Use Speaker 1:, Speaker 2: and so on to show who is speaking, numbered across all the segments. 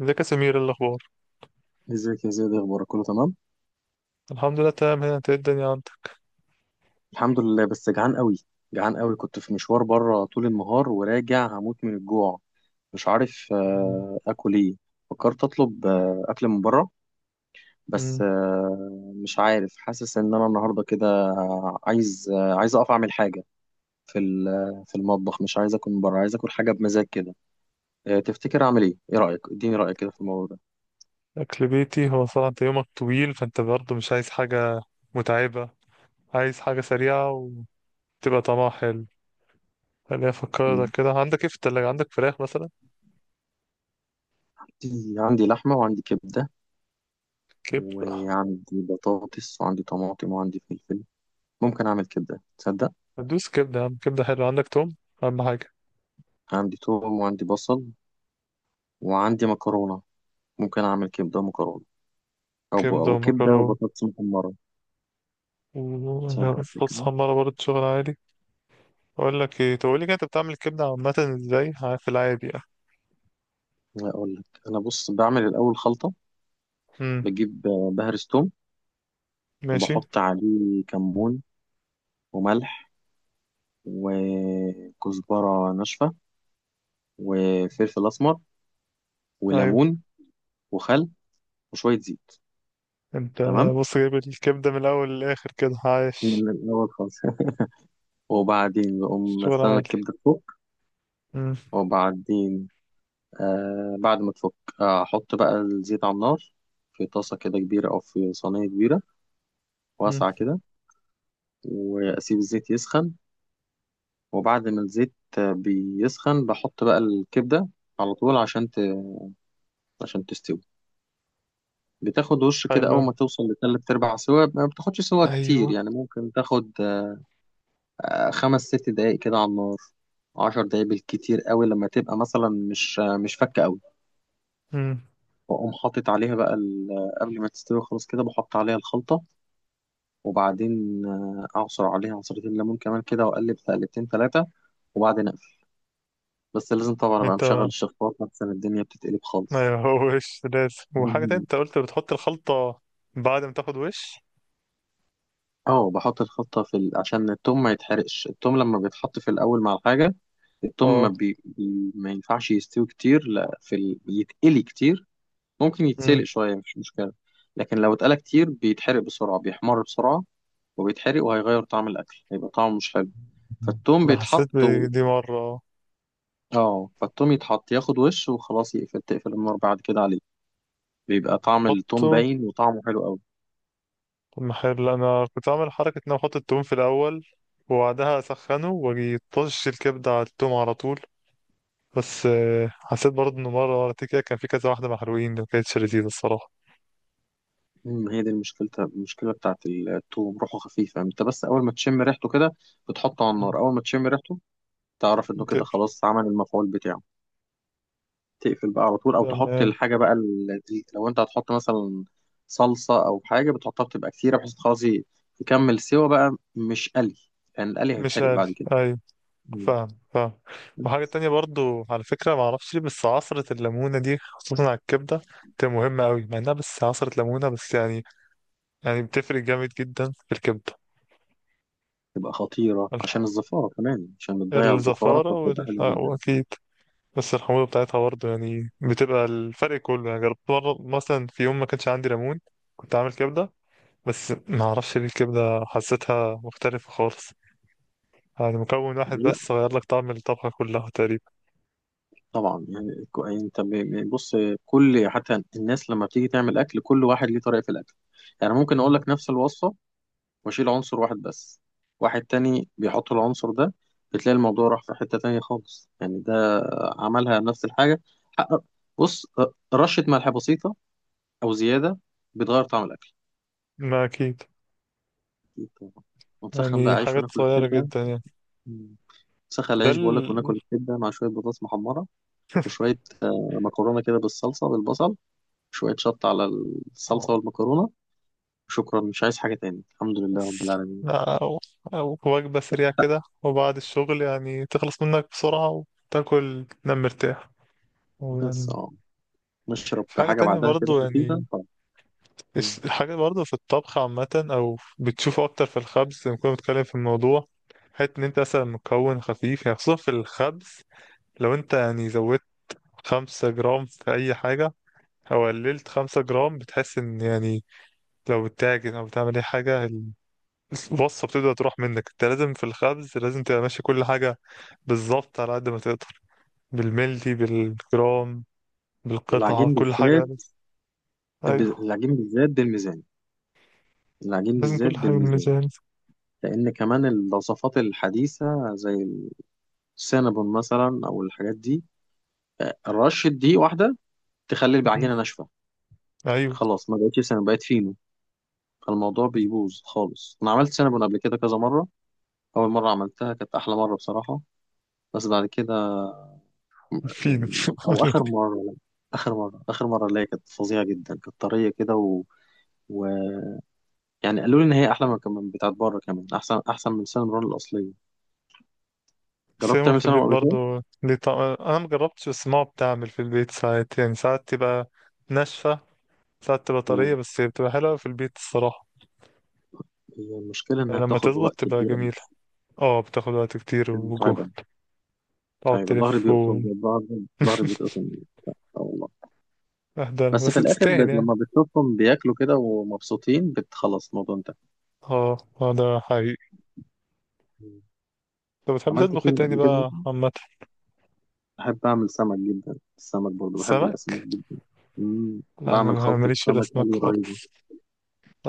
Speaker 1: ازيك يا سمير، ايه الاخبار؟
Speaker 2: ازيك يا زياد؟ إيه اخبارك؟ كله تمام؟
Speaker 1: الحمد لله، تمام هنا. انت ايه الدنيا عندك؟
Speaker 2: الحمد لله بس جعان قوي. جعان قوي، كنت في مشوار بره طول النهار وراجع هموت من الجوع. مش عارف
Speaker 1: مم.
Speaker 2: اكل ايه. فكرت اطلب اكل من بره، بس
Speaker 1: مم.
Speaker 2: مش عارف، حاسس ان انا النهارده كده عايز، عايز اقف اعمل حاجه في في المطبخ. مش عايز اكل من بره، عايز اكل حاجه بمزاج كده. تفتكر اعمل ايه؟ ايه رايك؟ اديني رايك كده في الموضوع ده.
Speaker 1: اكل بيتي. هو صراحة انت يومك طويل، فانت برضه مش عايز حاجة متعبة، عايز حاجة سريعة وتبقى طعمها حلو. خليني افكرك
Speaker 2: مم.
Speaker 1: كده، عندك ايه في التلاجة؟ عندك فراخ مثلا؟
Speaker 2: عندي لحمه وعندي كبده،
Speaker 1: كبدة.
Speaker 2: وعندي بطاطس وعندي طماطم وعندي فلفل. ممكن أعمل كبدة، تصدق؟
Speaker 1: ندوس كبدة يا عم، كبدة حلوة. عندك توم؟ اهم حاجة.
Speaker 2: عندي توم وعندي بصل وعندي مكرونة. ممكن أعمل كبدة ومكرونة،
Speaker 1: كبدة
Speaker 2: أو كبدة
Speaker 1: ومكرونة
Speaker 2: وبطاطس محمرة. تصدق
Speaker 1: وصوص
Speaker 2: كده؟
Speaker 1: حمارة برضه، شغل عادي. اقول لك ايه؟ تقول لي كده، انت بتعمل الكبدة عامة ازاي في العادي يعني؟
Speaker 2: لا أقول لك، أنا بص، بعمل الأول خلطة.
Speaker 1: مم.
Speaker 2: بجيب، بهرس توم
Speaker 1: ماشي.
Speaker 2: وبحط عليه كمون وملح وكزبرة ناشفة وفلفل أسمر
Speaker 1: ايوه.
Speaker 2: وليمون وخل وشوية زيت.
Speaker 1: انت
Speaker 2: تمام،
Speaker 1: بص، جايب الكبدة من الأول للآخر كده، عايش.
Speaker 2: من الأول خالص وبعدين بقوم
Speaker 1: شغل
Speaker 2: استنى
Speaker 1: عالي.
Speaker 2: الكبدة تفك،
Speaker 1: مم.
Speaker 2: وبعدين بعد ما تفك، أحط بقى الزيت على النار في طاسة كده كبيرة أو في صينية كبيرة
Speaker 1: مم.
Speaker 2: واسعة كده، وأسيب الزيت يسخن. وبعد ما الزيت بيسخن، بحط بقى الكبدة على طول عشان عشان تستوي. بتاخد وش كده،
Speaker 1: حلو.
Speaker 2: أول ما توصل لتلات أرباع سوا، ما بتاخدش سوا كتير
Speaker 1: أيوه.
Speaker 2: يعني. ممكن تاخد خمس ست دقايق كده على النار، عشر دقايق بالكتير قوي، لما تبقى مثلا مش مش فكة قوي.
Speaker 1: مم.
Speaker 2: وأقوم حاطط عليها بقى قبل ما تستوي خلاص كده بحط عليها الخلطة. وبعدين أعصر عليها عصرتين ليمون كمان كده، وأقلب تقلبتين ثلاثة، وبعدين أقفل. بس لازم طبعا أبقى
Speaker 1: انت
Speaker 2: مشغل الشفاط عشان الدنيا بتتقلب خالص.
Speaker 1: أيوه. هو وش لازم وحاجة تانية،
Speaker 2: مم.
Speaker 1: انت قلت بتحط الخلطة بعد ما تاخد وش.
Speaker 2: اه، بحط الخلطة في عشان التوم ما يتحرقش. التوم لما بيتحط في الأول مع الحاجة، التوم ما,
Speaker 1: اه.
Speaker 2: بي... بي... ما ينفعش يستوي كتير، لا في يتقلي كتير. ممكن يتسلق
Speaker 1: مم.
Speaker 2: شوية، مش مشكلة، لكن لو اتقلى كتير بيتحرق بسرعة، بيحمر بسرعة وبيتحرق، وهيغير طعم الأكل، هيبقى طعمه مش حلو. فالتوم
Speaker 1: أنا حسيت
Speaker 2: بيتحط،
Speaker 1: بدي مرة اه.
Speaker 2: اه، فالتوم يتحط ياخد وش وخلاص، يقفل تقفل النار بعد كده عليه، بيبقى طعم التوم
Speaker 1: تحطه.
Speaker 2: باين وطعمه حلو قوي.
Speaker 1: طب ما حلو، لا، أنا كنت عامل حركة إن أنا أحط التوم في الأول وبعدها أسخنه وأجي طش الكبدة على التوم على طول. بس حسيت برضه إنه مرة مرتين كده كان في كذا واحدة محروقين، ما كانتش لذيذة الصراحة.
Speaker 2: امم، هي دي المشكلة، المشكلة بتاعت التوم روحه خفيفة. انت بس اول ما تشم ريحته كده، بتحطه على النار، اول ما تشم ريحته تعرف انه
Speaker 1: مم.
Speaker 2: كده خلاص عمل المفعول بتاعه. تقفل بقى على طول، او تحط
Speaker 1: تمام.
Speaker 2: الحاجة بقى لو انت هتحط مثلا صلصة او حاجة بتحطها بتبقى كتيرة، بحيث خلاص يكمل سوا بقى مش قلي، يعني القلي
Speaker 1: مش
Speaker 2: هيتحرق بعد
Speaker 1: عارف.
Speaker 2: كده.
Speaker 1: ايوه.
Speaker 2: مم.
Speaker 1: فاهم. فاهم. وحاجة تانية برضو على فكرة، معرفش ليه بس عصرة الليمونة دي خصوصا على الكبدة تبقى مهمة أوي، مع إنها بس عصرة ليمونة بس يعني. يعني بتفرق جامد جدا في الكبدة.
Speaker 2: تبقى خطيرة
Speaker 1: ال-
Speaker 2: عشان الزفارة كمان، عشان بتضيع الزفارة،
Speaker 1: الزفارة
Speaker 2: فبتبقى
Speaker 1: وال...
Speaker 2: حلوة
Speaker 1: آه،
Speaker 2: جدا.
Speaker 1: وأكيد بس الحموضة بتاعتها برضه، يعني بتبقى الفرق كله. يعني جربت مرة مثلا في يوم ما كانش عندي ليمون، كنت عامل كبدة، بس معرفش ليه الكبدة حسيتها مختلفة خالص. يعني مكون واحد
Speaker 2: لا
Speaker 1: بس غير لك طعم الطبخة كلها تقريبا.
Speaker 2: طبعا، يعني بص، كل، حتى الناس لما بتيجي تعمل اكل، كل واحد ليه طريقة في الاكل. يعني ممكن اقول لك نفس الوصفة واشيل عنصر واحد بس، واحد تاني بيحط العنصر ده، بتلاقي الموضوع راح في حتة تانية خالص. يعني ده عملها نفس الحاجة. حقق- بص، رشة ملح بسيطة او زيادة بتغير طعم الاكل.
Speaker 1: ما أكيد.
Speaker 2: أكيد طبعاً. ونسخن بقى
Speaker 1: يعني
Speaker 2: عيش
Speaker 1: حاجات
Speaker 2: وناكل
Speaker 1: صغيرة
Speaker 2: الكبدة.
Speaker 1: جدا يعني.
Speaker 2: نسخن
Speaker 1: ده
Speaker 2: العيش
Speaker 1: ال
Speaker 2: بقول لك، وناكل الكبده مع شويه بطاطس محمره وشويه مكرونه كده بالصلصه بالبصل، شويه شطه على الصلصه والمكرونه. شكرا، مش عايز حاجه تاني، الحمد لله رب
Speaker 1: بس،
Speaker 2: العالمين.
Speaker 1: أو، أو وجبة سريعة كده وبعد الشغل، يعني تخلص منك بسرعة وتاكل تنام مرتاح.
Speaker 2: بس
Speaker 1: ويعني
Speaker 2: اه، نشرب
Speaker 1: في حاجة
Speaker 2: حاجه
Speaker 1: تانية
Speaker 2: بعدها كده
Speaker 1: برضو يعني،
Speaker 2: خفيفه طبعا.
Speaker 1: الحاجة برضو في الطبخ عامة، أو بتشوفه أكتر في الخبز. لما كنا بنتكلم في الموضوع، حتة إن أنت مثلا مكون خفيف يعني خصوصا في الخبز، لو أنت يعني زودت 5 جرام في أي حاجة أو قللت 5 جرام، بتحس إن يعني لو بتتاجر او بتعمل اي حاجه الوصفه بتبدا تروح منك. انت لازم في الخبز لازم تبقى ماشي كل حاجه بالظبط على قد ما تقدر، بالملي بالجرام بالقطعه،
Speaker 2: العجين
Speaker 1: كل حاجه لازم.
Speaker 2: بالذات،
Speaker 1: ايوه.
Speaker 2: العجين بالذات بالميزان. العجين
Speaker 1: لازم
Speaker 2: بالذات
Speaker 1: كل حاجه
Speaker 2: بالميزان،
Speaker 1: بالميزان.
Speaker 2: لان كمان الوصفات الحديثه زي السينابون مثلا او الحاجات دي، رشه دي واحده تخلي
Speaker 1: مم.
Speaker 2: العجينه ناشفه،
Speaker 1: ايوه.
Speaker 2: خلاص ما بقتش سينابون، بقت فينو. فالموضوع بيبوظ خالص. انا عملت سينابون قبل كده كذا مره، اول مره عملتها كانت احلى مره بصراحه، بس بعد كده،
Speaker 1: فين
Speaker 2: يعني او اخر مره، لا. اخر مره، اخر مره اللي هي كانت فظيعه جدا، كانت طريه كده، و... و... يعني قالوا لي ان هي احلى من كمان بتاعت بره، كمان احسن، احسن من السينابون الاصليه. جربت
Speaker 1: سيمو؟
Speaker 2: تعمل
Speaker 1: في البيت
Speaker 2: سينابون قبل كده؟
Speaker 1: برضو ليه طعم، انا مجربتش بس ماما بتعمل في البيت ساعات، يعني ساعات تبقى ناشفه، ساعات تبقى طريه،
Speaker 2: مم.
Speaker 1: بس هي بتبقى حلوه في البيت الصراحه.
Speaker 2: هي المشكله
Speaker 1: يعني
Speaker 2: انها
Speaker 1: لما
Speaker 2: بتاخد
Speaker 1: تظبط
Speaker 2: وقت
Speaker 1: تبقى
Speaker 2: كبير قوي.
Speaker 1: جميله. اه بتاخد وقت كتير
Speaker 2: متعبه،
Speaker 1: وجهد، تقعد
Speaker 2: متعبه، ظهري
Speaker 1: تلف.
Speaker 2: بيقطم، ظهري، ظهري بيتقطم. اه والله.
Speaker 1: اهدى
Speaker 2: بس
Speaker 1: بس
Speaker 2: في الاخر،
Speaker 1: تستاهل يعني.
Speaker 2: لما بتشوفهم بياكلوا كده ومبسوطين، بتخلص الموضوع،
Speaker 1: اه. اه ده حقيقي.
Speaker 2: انتهى.
Speaker 1: طب بتحب
Speaker 2: عملت
Speaker 1: تطبخ ايه
Speaker 2: فين
Speaker 1: تاني
Speaker 2: قبل كده.
Speaker 1: بقى عامة؟
Speaker 2: بحب أعمل سمك جدا، السمك برضه بحب الأسماك
Speaker 1: سمك؟
Speaker 2: جدا. مم.
Speaker 1: لا
Speaker 2: بعمل
Speaker 1: انا
Speaker 2: خلطة
Speaker 1: ماليش في
Speaker 2: سمك
Speaker 1: الاسماك
Speaker 2: قلي
Speaker 1: خالص.
Speaker 2: رهيبة.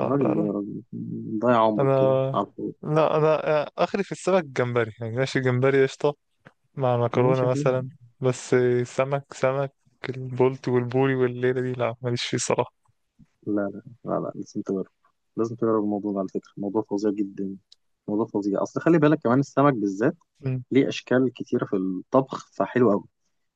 Speaker 2: يا
Speaker 1: لا
Speaker 2: راجل ليه؟
Speaker 1: لا.
Speaker 2: يا راجل مم، ضيع
Speaker 1: انا،
Speaker 2: عمرك كده على الفاضي.
Speaker 1: لا انا اخري في السمك جمبري، يعني ماشي جمبري قشطة مع
Speaker 2: ماشي،
Speaker 1: مكرونة
Speaker 2: حلو.
Speaker 1: مثلا. بس سمك سمك البولت والبوري والليلة دي لا، ماليش فيه صراحة.
Speaker 2: لا لا لا لا، لازم تجرب، لازم تجرب الموضوع ده، على فكرة موضوع فظيع جدا، موضوع فظيع. أصل خلي بالك كمان، السمك بالذات
Speaker 1: مم.
Speaker 2: ليه أشكال كتيرة في الطبخ، فحلو أوي.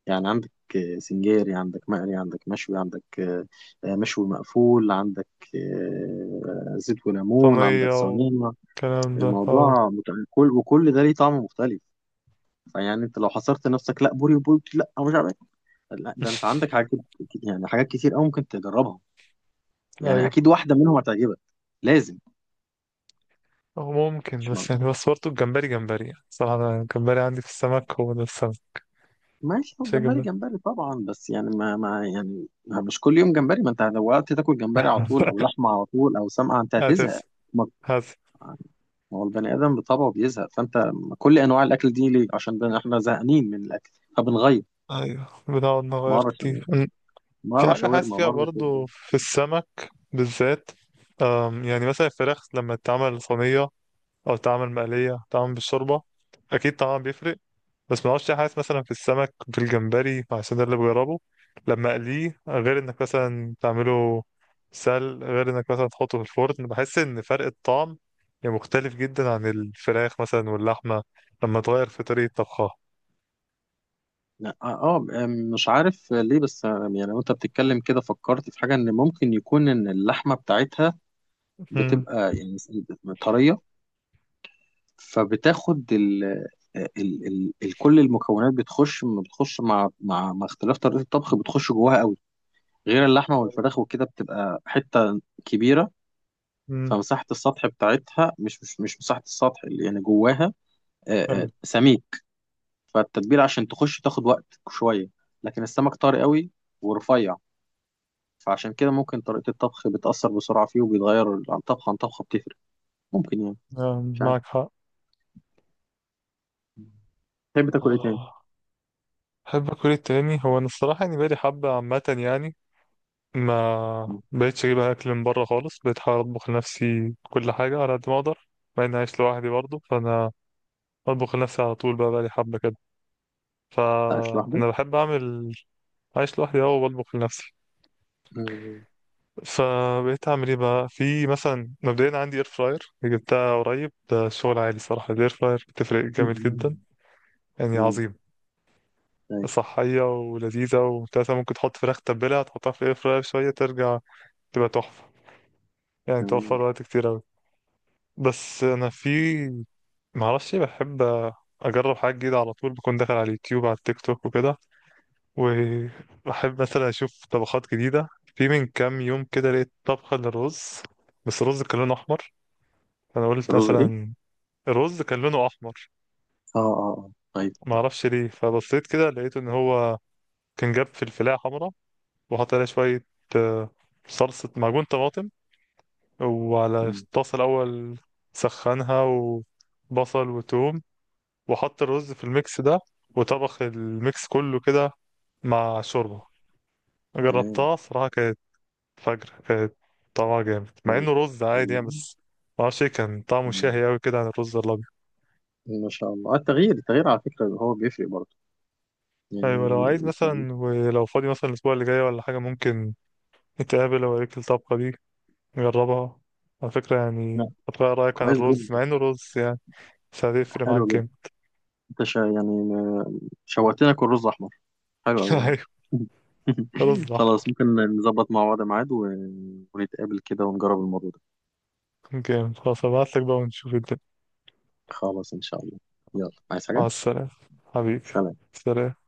Speaker 2: يعني عندك سنجاري، عندك مقلي، عندك مشوي، عندك مشوي مقفول، عندك زيت وليمون،
Speaker 1: صينية
Speaker 2: عندك صينية.
Speaker 1: والكلام ده اه.
Speaker 2: الموضوع مت... كل، وكل ده ليه طعم مختلف. فيعني انت لو حصرت نفسك لا بوري وبولتي، لا مش عارف إيه. لا ده انت عندك يعني حاجات كتير قوي ممكن تجربها، يعني
Speaker 1: ايوه.
Speaker 2: اكيد واحده منهم هتعجبك، لازم.
Speaker 1: أو ممكن
Speaker 2: مش مع...
Speaker 1: بس يعني، بس برضه الجمبري جمبري يعني صراحة، أنا الجمبري عندي في السمك هو ده السمك،
Speaker 2: ماشي، هو
Speaker 1: مش
Speaker 2: الجمبري
Speaker 1: الجمبري.
Speaker 2: جمبري طبعا، بس يعني ما مش كل يوم جمبري. ما انت لو وقت تاكل جمبري على طول، او لحمه على طول، او سمك، انت
Speaker 1: هتس.
Speaker 2: هتزهق. ما
Speaker 1: هتس.
Speaker 2: يعني، هو البني ادم بطبعه بيزهق. فانت كل انواع الاكل دي ليه، عشان احنا زهقانين من الاكل فبنغير،
Speaker 1: ايوه، بنقعد نغير
Speaker 2: مره
Speaker 1: كتير.
Speaker 2: شاورما،
Speaker 1: في
Speaker 2: مره
Speaker 1: حاجة حاسس
Speaker 2: شاورما،
Speaker 1: فيها
Speaker 2: مره كده.
Speaker 1: برضو في السمك بالذات. يعني مثلا الفراخ لما تتعمل صينية أو تتعمل مقلية تتعمل بالشوربة، أكيد طعمها بيفرق. بس ما اعرفش، حاسس مثلا في السمك في الجمبري عشان ده اللي بجربه، لما أقليه غير إنك مثلا تعمله سل، غير إنك مثلا تحطه في الفرن، بحس إن فرق الطعم يعني مختلف جدا عن الفراخ مثلا واللحمة لما تغير في طريقة طبخها.
Speaker 2: لا، اه، مش عارف ليه، بس يعني وانت بتتكلم كده فكرت في حاجه، ان ممكن يكون ان اللحمه بتاعتها بتبقى يعني طريه، فبتاخد ال آه، ال ال ال كل المكونات بتخش، بتخش مع، مع، مع اختلاف طريقه الطبخ بتخش جواها قوي. غير اللحمه والفراخ وكده بتبقى حته كبيره،
Speaker 1: امم.
Speaker 2: فمساحه السطح بتاعتها مش مساحه السطح اللي يعني جواها
Speaker 1: ايوه.
Speaker 2: سميك، فالتتبيله عشان تخش تاخد وقت شويه. لكن السمك طري قوي ورفيع، فعشان كده ممكن طريقة الطبخ بتأثر بسرعة فيه، وبيتغير عن طبخة عن طبخة، بتفرق، ممكن، يعني مش عارف.
Speaker 1: معك حق.
Speaker 2: تحب تاكل ايه تاني؟
Speaker 1: آه، احب اكل إيه تاني؟ هو انا الصراحه يعني بقالي حبه عامه، يعني ما
Speaker 2: مم.
Speaker 1: بقتش اجيب اكل من بره خالص، بقيت احاول اطبخ لنفسي كل حاجه على قد ما اقدر، مع اني عايش لوحدي برضه. فانا بطبخ لنفسي على طول، بقى بقالي حبه كده.
Speaker 2: انت عايش لوحدك؟
Speaker 1: فانا بحب اعمل. عايش لوحدي اهو، وبطبخ لنفسي.
Speaker 2: مم.
Speaker 1: فبقيت اعمل ايه بقى؟ في مثلا مبدئيا عندي اير فراير، جبتها قريب، ده شغل عالي صراحه. الاير فراير بتفرق جامد جدا، يعني
Speaker 2: مم.
Speaker 1: عظيم.
Speaker 2: طيب.
Speaker 1: صحية ولذيذة وتلاتة. ممكن تحط فراخ تتبلها، تحطها في الاير فراير شوية، ترجع تبقى تحفة. يعني
Speaker 2: تمام.
Speaker 1: توفر وقت كتير أوي. بس أنا في معرفش، بحب أجرب حاجة جديدة على طول، بكون داخل على اليوتيوب على التيك توك وكده، وبحب مثلا أشوف طبخات جديدة. في من كام يوم كده لقيت طبخة للرز، بس الرز كان لونه أحمر. أنا قلت
Speaker 2: الرز ايه؟
Speaker 1: مثلا الرز كان لونه أحمر،
Speaker 2: اه اه. اه طيب.
Speaker 1: معرفش ليه. فبصيت كده لقيت إن هو كان جاب فلفلاية حمرا وأحط عليها شوية آه، صلصة معجون طماطم، وعلى
Speaker 2: مم.
Speaker 1: الطاسة الأول سخنها وبصل وتوم، وأحط الرز في الميكس ده، وطبخ الميكس كله كده مع شوربة.
Speaker 2: تمام.
Speaker 1: جربتها صراحة، كانت فجر. كانت طعمها جامد مع
Speaker 2: مم.
Speaker 1: انه رز عادي يعني، بس معرفش ايه، كان طعمه
Speaker 2: مم.
Speaker 1: شهي اوي كده عن الرز الابيض.
Speaker 2: ما شاء الله. التغيير، التغيير على فكرة هو بيفرق برضه يعني.
Speaker 1: ايوه، لو عايز
Speaker 2: يعني-
Speaker 1: مثلا، ولو فاضي مثلا الاسبوع اللي جاي ولا حاجة، ممكن نتقابل، اوريك الطبخة دي، جربها. على فكرة
Speaker 2: لا،
Speaker 1: يعني هتغير رأيك عن
Speaker 2: كويس
Speaker 1: الرز
Speaker 2: جدا،
Speaker 1: مع انه رز يعني، بس هتفرق
Speaker 2: حلو
Speaker 1: معاك
Speaker 2: جدا.
Speaker 1: جامد.
Speaker 2: انت شا يعني ما- شوقتني اكل رز احمر، حلو أوي
Speaker 1: ايوه، رز احمر.
Speaker 2: خلاص ممكن نظبط مع بعض ميعاد، و... ونتقابل كده ونجرب الموضوع ده.
Speaker 1: جامد خلاص، هبعتلك بقى ونشوف الدنيا.
Speaker 2: خلاص، إن شاء الله. يلا، عايز
Speaker 1: مع
Speaker 2: حاجة؟
Speaker 1: السلامة حبيبي.
Speaker 2: سلام.
Speaker 1: سلام.